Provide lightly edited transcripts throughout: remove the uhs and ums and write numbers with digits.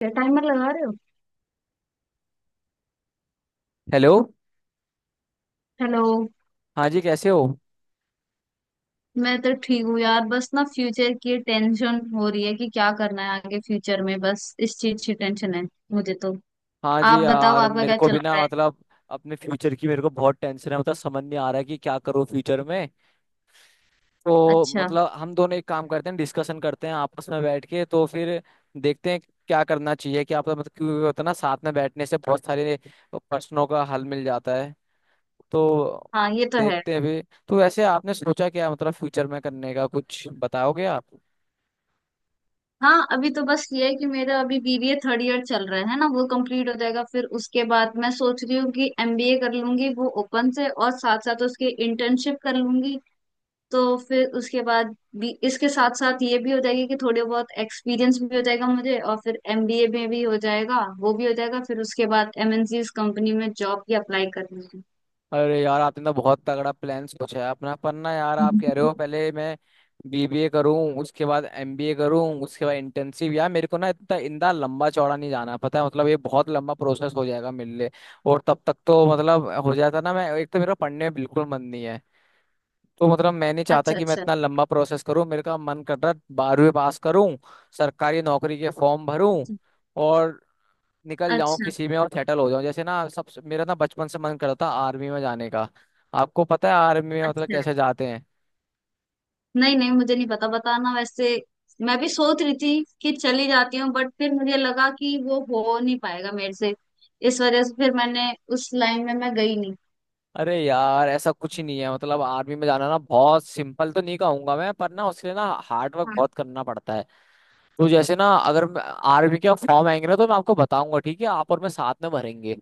क्या टाइमर लगा रहे हो? हेलो। हेलो। हाँ जी, कैसे हो? मैं तो ठीक हूँ यार, बस ना फ्यूचर की टेंशन हो रही है कि क्या करना है आगे फ्यूचर में, बस इस चीज की टेंशन है मुझे तो। हाँ जी आप बताओ, यार, आपका मेरे क्या को चल भी रहा ना है? मतलब, अपने फ्यूचर की मेरे को बहुत टेंशन है। मतलब समझ नहीं आ रहा है कि क्या करूँ फ्यूचर में। तो अच्छा। मतलब हम दोनों एक काम करते हैं, डिस्कशन करते हैं आपस में बैठ के, तो फिर देखते हैं क्या करना चाहिए, क्या पता। मतलब क्योंकि होता है ना, साथ में बैठने से बहुत सारे प्रश्नों का हल मिल जाता है। तो हाँ, ये तो है। देखते हैं भी। तो वैसे आपने सोचा क्या, मतलब फ्यूचर में करने का, कुछ बताओगे आप? हाँ अभी तो बस ये है कि मेरा अभी बीबीए थर्ड ईयर चल रहा है ना, वो कंप्लीट हो जाएगा, फिर उसके बाद मैं सोच रही हूँ कि एमबीए कर लूंगी वो ओपन से और साथ साथ उसकी इंटर्नशिप कर लूंगी, तो फिर उसके बाद भी इसके साथ साथ ये भी हो जाएगी कि थोड़े बहुत एक्सपीरियंस भी हो जाएगा मुझे, और फिर एमबीए में भी हो जाएगा, वो भी हो जाएगा, फिर उसके बाद एमएनसीज कंपनी में जॉब भी अप्लाई करनी है। अरे यार, आपने तो बहुत तगड़ा प्लान सोचा है अपना। पर ना यार, आप कह रहे हो पहले मैं बीबीए करूं, उसके बाद एमबीए करूं, उसके बाद इंटर्नशिप। यार मेरे को ना इतना इंदा लंबा चौड़ा नहीं जाना, पता है। मतलब ये बहुत लंबा प्रोसेस हो जाएगा मेरे लिए। और तब तक तो मतलब हो जाता ना। मैं एक तो मेरा पढ़ने में बिल्कुल मन नहीं है। तो मतलब मैं नहीं चाहता अच्छा। कि मैं अच्छा। इतना लंबा प्रोसेस करूं। मेरे का मन कर रहा है 12वीं पास करूं, सरकारी नौकरी के फॉर्म भरूं अच्छा। और निकल जाऊं अच्छा। किसी में, और सेटल हो जाऊं। जैसे ना, सब मेरा ना बचपन से मन करता था आर्मी में जाने का। आपको पता है आर्मी में मतलब अच्छा। कैसे जाते हैं? नहीं नहीं, मुझे नहीं पता, बताना वैसे। मैं भी सोच रही थी कि चली जाती हूँ, बट फिर मुझे लगा कि वो हो नहीं पाएगा मेरे से, इस वजह से फिर मैंने उस लाइन में मैं गई नहीं। अरे यार, ऐसा कुछ ही नहीं है। मतलब आर्मी में जाना ना बहुत सिंपल तो नहीं कहूंगा मैं, पर ना उसके लिए ना हार्ड वर्क बहुत करना पड़ता है। तो जैसे ना, अगर आर्मी के फॉर्म आएंगे ना, तो मैं आपको बताऊंगा, ठीक है? आप और मैं साथ में भरेंगे।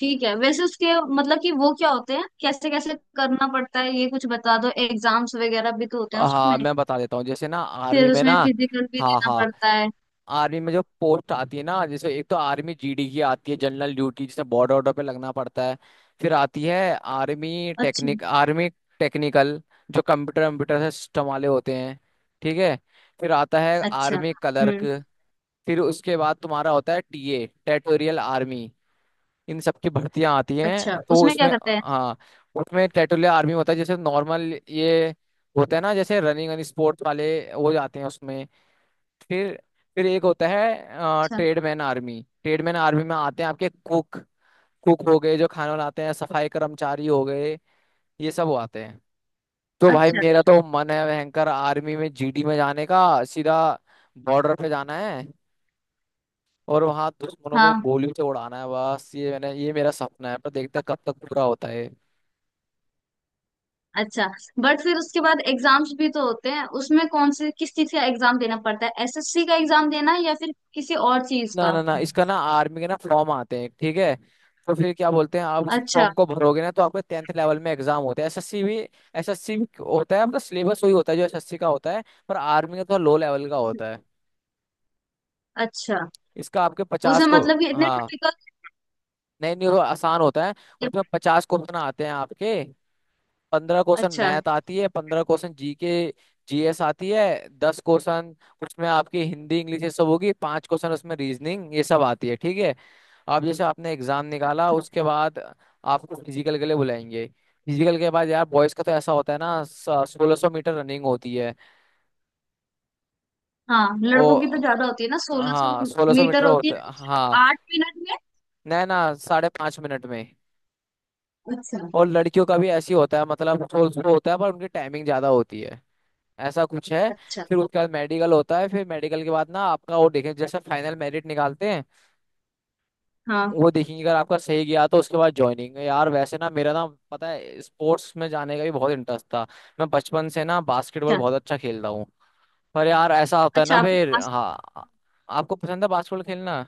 ठीक है, वैसे उसके मतलब कि वो क्या होते हैं, कैसे कैसे करना पड़ता है, ये कुछ बता दो। एग्जाम्स वगैरह भी तो होते हैं उसमें, हाँ मैं बता देता हूँ। जैसे ना आर्मी फिर में ना, उसमें फिजिकल भी हाँ देना हाँ, पड़ता है। आर्मी में जो पोस्ट आती है ना, जैसे एक तो आर्मी जीडी की आती है, जनरल ड्यूटी, जिसे बॉर्डर ऑर्डर पे लगना पड़ता है। फिर आती है अच्छा। आर्मी टेक्निकल, जो कंप्यूटर कंप्यूटर से सिस्टम वाले होते हैं, ठीक है? फिर आता है अच्छा। Army clerk. हम्म। फिर उसके बाद तुम्हारा होता है टीए, टेरिटोरियल आर्मी। इन सब की भर्तियां आती अच्छा, हैं तो उसमें क्या उसमें। करते हैं? हाँ, उसमें टेरिटोरियल आर्मी होता है जैसे नॉर्मल ये होता है ना, जैसे रनिंग एंड स्पोर्ट्स वाले वो जाते हैं उसमें। फिर, एक होता है अच्छा। Tradesman army. ट्रेडमैन आर्मी में आते हैं आपके कुक। कुक हो गए जो खाना बनाते हैं, सफाई कर्मचारी हो गए, ये सब वो आते हैं। तो भाई अच्छा। मेरा तो मन है भयंकर आर्मी में जीडी में जाने का। सीधा बॉर्डर पे जाना है और वहां दुश्मनों को हाँ। गोली से उड़ाना है बस। ये मेरा सपना है, पर देखते हैं कब तक पूरा होता है। अच्छा, बट फिर उसके बाद एग्जाम्स भी तो होते हैं उसमें, कौन से किस चीज का एग्जाम देना पड़ता है? एसएससी का एग्जाम देना है या फिर किसी और चीज ना का? ना ना, इसका ना आर्मी के ना फॉर्म आते हैं, ठीक है? तो फिर क्या बोलते हैं आप उस अच्छा। फॉर्म को भरोगे ना, तो आपके 10th लेवल में एग्जाम होते हैं, एसएससी भी। एसएससी भी होता है मतलब, सिलेबस वही होता है जो एसएससी का होता है, पर आर्मी का थोड़ा लो लेवल का होता है। अच्छा, इसका आपके उसे 50 को, मतलब कि इतने हाँ टिपिकल? नहीं नहीं, वो आसान होता है। उसमें 50 क्वेश्चन आते हैं आपके। 15 क्वेश्चन अच्छा। मैथ आती है, 15 क्वेश्चन जी के, जीएस आती है, 10 क्वेश्चन उसमें आपकी हिंदी इंग्लिश ये सब होगी, 5 क्वेश्चन उसमें रीजनिंग, ये सब आती है, ठीक है? अब जैसे आपने एग्जाम निकाला, उसके बाद आपको फिजिकल के लिए बुलाएंगे। फिजिकल के बाद यार, बॉयज का तो ऐसा होता है ना, 1600 मीटर रनिंग होती है। हाँ, ओ लड़कों की तो ज्यादा होती है ना, सोलह सौ हाँ, 1600 मीटर मीटर होती होता है, है, हाँ। 8 मिनट ना ना, 5.5 मिनट में। में। अच्छा। और लड़कियों का भी ऐसी होता है, मतलब 1600 होता है पर उनकी टाइमिंग ज्यादा होती है, ऐसा कुछ है। अच्छा। फिर उसके बाद मेडिकल होता है। फिर मेडिकल के बाद ना आपका वो देखें, जैसे फाइनल मेरिट निकालते हैं, हाँ। वो देखेंगे। अगर आपका सही गया तो उसके बाद ज्वाइनिंग। यार वैसे ना मेरा ना, पता है, स्पोर्ट्स में जाने का भी बहुत इंटरेस्ट था। मैं बचपन से ना बास्केटबॉल अच्छा। बहुत अच्छा खेलता हूँ। पर यार, ऐसा होता है अच्छा, ना आप फिर, बास, हाँ। आपको पसंद है बास्केटबॉल खेलना?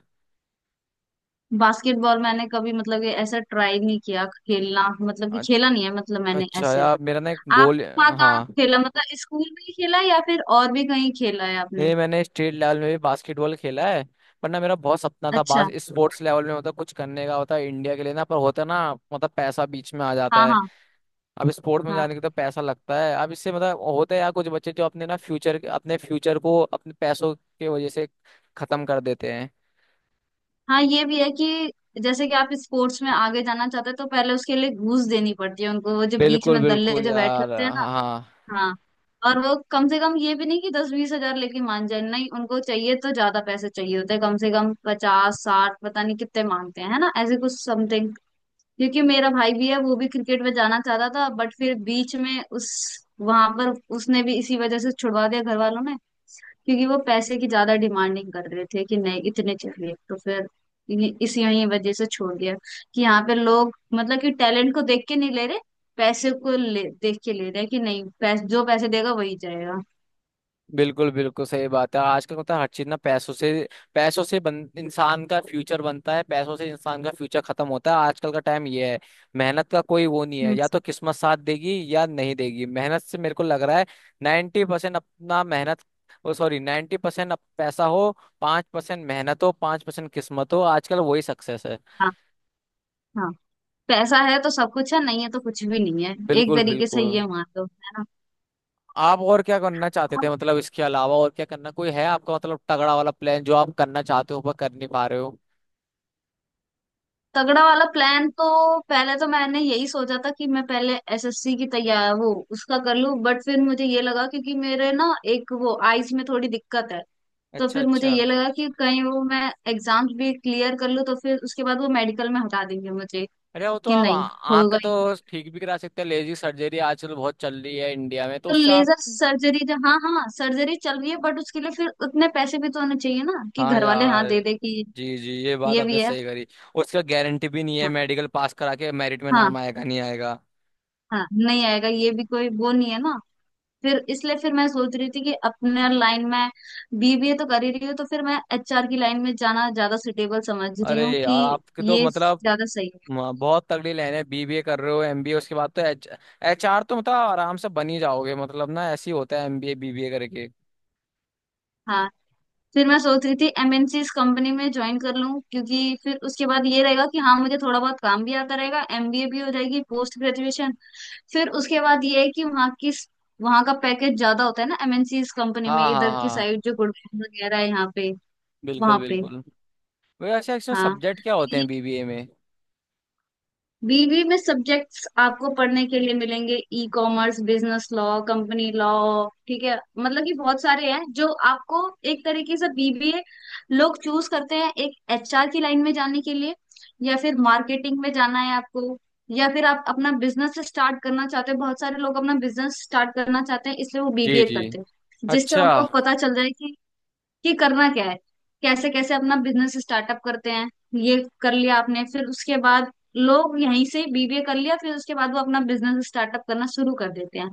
बास्केटबॉल मैंने कभी मतलब ये ऐसा ट्राई नहीं किया खेलना, मतलब कि खेला अच्छ- नहीं है, मतलब मैंने अच्छा ऐसे। यार, मेरा ना एक आपने गोल, कहाँ हाँ कहाँ खेला, मतलब स्कूल में ही खेला या फिर और भी कहीं खेला है आपने? ये मैंने स्टेट लेवल में भी बास्केटबॉल खेला है। पर ना मेरा बहुत सपना था, बास अच्छा। स्पोर्ट्स लेवल में होता कुछ करने का, होता है इंडिया के लिए ना, पर होता है ना, मतलब पैसा बीच में आ जाता हाँ है। हाँ। अब स्पोर्ट में हाँ, जाने के तो पैसा लगता है। अब इससे मतलब होता है यार, कुछ बच्चे जो अपने ना फ्यूचर, अपने फ्यूचर को अपने पैसों के वजह से खत्म कर देते हैं। हाँ ये भी है कि जैसे कि आप स्पोर्ट्स में आगे जाना चाहते हैं तो पहले उसके लिए घूस देनी पड़ती है उनको, वो जो बीच बिल्कुल में दल्ले बिल्कुल जो बैठे यार, होते हैं ना। हाँ। हाँ, और वो कम से कम ये भी नहीं कि दस बीस हजार लेके मान जाए, नहीं उनको चाहिए तो ज्यादा पैसे चाहिए होते हैं, कम से कम पचास साठ, पता नहीं कितने मांगते हैं, है ना, ऐसे कुछ समथिंग। क्योंकि मेरा भाई भी है, वो भी क्रिकेट में जाना चाहता था, बट फिर बीच में उस वहां पर उसने भी इसी वजह से छुड़वा दिया घर वालों ने, क्योंकि वो पैसे की ज्यादा डिमांडिंग कर रहे थे कि नहीं इतने चाहिए, तो फिर इस यही वजह से छोड़ दिया कि यहाँ पे लोग मतलब कि टैलेंट को देख के नहीं ले रहे, पैसे को ले देख के ले रहे हैं, कि नहीं पैसे, जो पैसे देगा वही जाएगा। बिल्कुल बिल्कुल सही बात है। आजकल मतलब हर चीज ना पैसों से, इंसान का फ्यूचर बनता है पैसों से, इंसान का फ्यूचर खत्म होता है, आजकल का टाइम ये है। मेहनत का कोई वो नहीं है। हम्म। या तो किस्मत साथ देगी या नहीं देगी। मेहनत से मेरे को लग रहा है 90% अपना मेहनत, ओ सॉरी, 90% पैसा हो, 5% मेहनत हो, 5% किस्मत हो, आजकल वही सक्सेस है। हाँ। हाँ, पैसा है तो सब कुछ है, नहीं है तो कुछ भी नहीं है, एक बिल्कुल तरीके से बिल्कुल। ये मान लो, है ना। आप और क्या करना चाहते और थे मतलब, इसके अलावा और क्या करना कोई है आपका, मतलब तगड़ा वाला प्लान जो आप करना चाहते हो पर कर नहीं पा रहे हो? तगड़ा वाला प्लान तो पहले तो मैंने यही सोचा था कि मैं पहले एसएससी की तैयार वो उसका कर लूं, बट फिर मुझे ये लगा क्योंकि मेरे ना एक वो आईज में थोड़ी दिक्कत है, तो अच्छा फिर मुझे अच्छा। ये लगा कि कहीं वो मैं एग्जाम्स भी क्लियर कर लूँ तो फिर उसके बाद वो मेडिकल में हटा देंगे मुझे अरे वो तो कि आप नहीं, आँख होगा ही। तो ठीक भी करा सकते हैं। लेजी सर्जरी आजकल बहुत चल रही है इंडिया में, तो तो उससे आप। लेजर सर्जरी जो, हाँ हाँ सर्जरी चल रही है बट उसके लिए फिर उतने पैसे भी तो होने चाहिए ना कि हाँ घर वाले यार, हाँ दे दे कि, जी जी, ये बात ये आपने भी है। सही करी। उसका गारंटी भी नहीं है, हाँ। मेडिकल पास करा के मेरिट में हाँ नाम आएगा नहीं आएगा। हाँ, नहीं आएगा, ये भी कोई वो नहीं है ना। फिर इसलिए फिर मैं सोच रही थी कि अपने लाइन में बीबीए तो कर ही रही हूँ, तो फिर मैं एचआर की लाइन में जाना ज्यादा सुटेबल समझ रही अरे हूँ यार कि आपके तो ये मतलब, ज्यादा सही है। बहुत तगड़ी लाइन है। बीबीए कर रहे हो, एमबीए उसके बाद, तो एच एचआर तो मतलब आराम से बन ही जाओगे। मतलब ना ऐसे ही होता है, एमबीए बीबीए करके। हाँ, फिर मैं सोच रही थी एमएनसी कंपनी में ज्वाइन कर लूँ क्योंकि फिर उसके बाद ये रहेगा कि हाँ मुझे थोड़ा बहुत काम भी आता रहेगा, एमबीए भी हो जाएगी, पोस्ट ग्रेजुएशन, फिर उसके बाद ये है कि वहाँ का पैकेज ज्यादा होता है ना एमएनसी कंपनी में, हाँ हाँ इधर की हाँ, साइड जो गुड़गांव वगैरह है यहाँ पे, बिल्कुल वहाँ पे। बिल्कुल। वैसे एक्चुअली हाँ, सब्जेक्ट क्या होते हैं बीबीए में? बीवी में सब्जेक्ट्स आपको पढ़ने के लिए मिलेंगे, e commerce, business law, company law, ठीक है, मतलब कि बहुत सारे हैं जो आपको। एक तरीके से बीबीए लोग चूज करते हैं एक एचआर की लाइन में जाने के लिए, या फिर मार्केटिंग में जाना है आपको, या फिर आप अपना बिजनेस स्टार्ट करना चाहते हैं, बहुत सारे लोग अपना बिजनेस स्टार्ट करना चाहते हैं, इसलिए वो जी बीबीए जी, करते हैं, जिससे अच्छा, उनको पता चल जाए कि करना क्या है, कैसे कैसे अपना बिजनेस स्टार्टअप करते हैं, ये कर लिया आपने, फिर उसके बाद लोग यहीं से बीबीए कर लिया, फिर उसके बाद वो अपना बिजनेस स्टार्टअप करना शुरू कर देते हैं,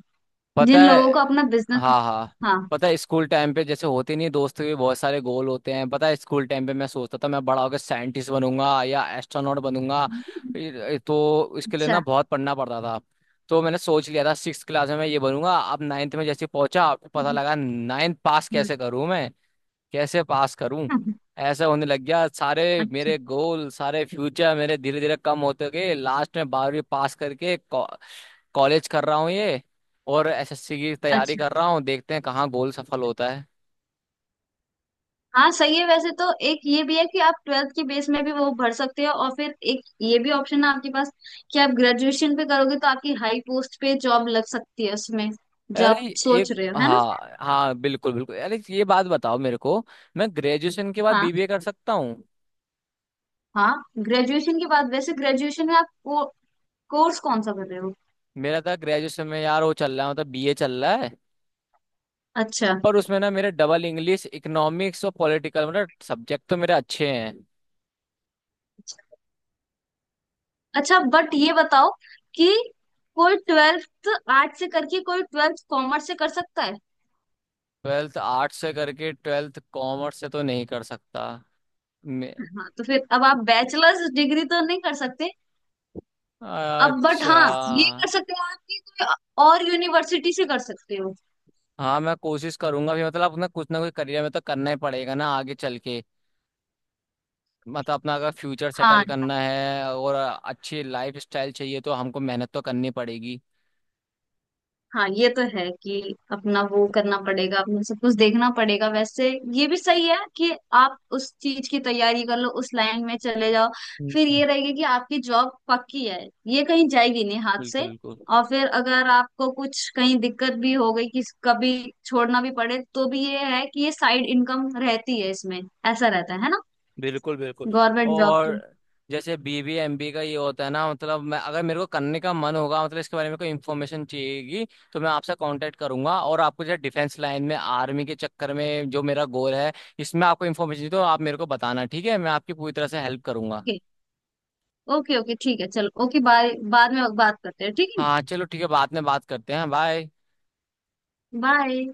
जिन पता है, लोगों को अपना बिजनेस। हाँ हाँ। हाँ। पता है स्कूल टाइम पे जैसे होते नहीं, दोस्त के भी बहुत सारे गोल होते हैं। पता है स्कूल टाइम पे मैं सोचता था मैं बड़ा होकर साइंटिस्ट बनूंगा या एस्ट्रोनॉट बनूंगा। तो इसके लिए ना अच्छा। बहुत पढ़ना पड़ता था। तो मैंने सोच लिया था सिक्स क्लास में, मैं ये बनूंगा। अब नाइन्थ में जैसे पहुंचा, पता लगा नाइन्थ पास हम्म। कैसे करूं मैं, कैसे पास करूं। ऐसे होने लग गया। सारे अच्छा। मेरे गोल, सारे फ्यूचर मेरे धीरे धीरे कम होते गए। लास्ट में 12वीं पास करके कॉलेज कर रहा हूँ ये, और एसएससी की तैयारी अच्छा। कर रहा हूँ, देखते हैं कहाँ गोल सफल होता है। हाँ सही है, वैसे तो एक ये भी है कि आप ट्वेल्थ की बेस में भी वो भर सकते हो, और फिर एक ये भी ऑप्शन है आपके पास कि आप ग्रेजुएशन पे करोगे तो आपकी हाई पोस्ट पे जॉब लग सकती है उसमें, जो आप अरे एक, सोच रहे हो, है ना। हाँ हाँ, बिल्कुल बिल्कुल। अरे ये बात बताओ मेरे को, मैं ग्रेजुएशन के बाद हाँ। बीबीए कर सकता हूँ? हाँ, ग्रेजुएशन के बाद, वैसे ग्रेजुएशन में आप को, कोर्स कौन सा कर रहे हो? मेरा था ग्रेजुएशन में यार वो चल रहा है, मतलब बीए चल रहा है। अच्छा। पर उसमें ना मेरे डबल इंग्लिश, इकोनॉमिक्स और पॉलिटिकल, मतलब सब्जेक्ट तो मेरे अच्छे हैं। अच्छा, बट ये बताओ कि कोई ट्वेल्थ आर्ट से करके कोई ट्वेल्थ कॉमर्स से कर सकता है? ट्वेल्थ आर्ट्स से करके ट्वेल्थ कॉमर्स से तो नहीं कर सकता मैं। हाँ, तो फिर अब आप बैचलर्स डिग्री तो नहीं कर सकते, अब बट अच्छा, हाँ ये कर सकते हो आप कि कोई और यूनिवर्सिटी से कर सकते हो। हाँ मैं कोशिश करूंगा भी। मतलब अपना कुछ ना कुछ करियर में तो करना ही पड़ेगा ना आगे चल के। मतलब अपना अगर फ्यूचर हाँ। सेटल करना है और अच्छी लाइफ स्टाइल चाहिए, तो हमको मेहनत तो करनी पड़ेगी। हाँ, ये तो है कि अपना वो करना पड़ेगा, अपना सब कुछ देखना पड़ेगा वैसे। ये भी सही है कि आप उस चीज की तैयारी कर लो, उस लाइन में चले जाओ, फिर हम्म। ये रहेगा कि आपकी जॉब पक्की है, ये कहीं जाएगी नहीं हाथ बिल्कुल से, बिल्कुल, और फिर अगर आपको कुछ कहीं दिक्कत भी हो गई कि कभी छोड़ना भी पड़े, तो भी ये है कि ये साइड इनकम रहती है इसमें, ऐसा रहता है ना, बिल्कुल बिल्कुल। गवर्नमेंट जॉब और तो। जैसे बीबी एमबी का ये होता है ना, मतलब मैं अगर मेरे को करने का मन होगा, मतलब इसके बारे में कोई इन्फॉर्मेशन चाहिएगी, तो मैं आपसे कांटेक्ट करूंगा। और आपको जैसे डिफेंस लाइन में, आर्मी के चक्कर में, जो मेरा गोल है, इसमें आपको इन्फॉर्मेशन चाहिए, तो आप मेरे को बताना, ठीक है? मैं आपकी पूरी तरह से हेल्प करूंगा। ओके। ओके ओके, ठीक है, चलो, ओके बाय, बाद में बात करते हैं, ठीक है। हाँ चलो ठीक है, बाद में बात करते हैं, बाय। बाय।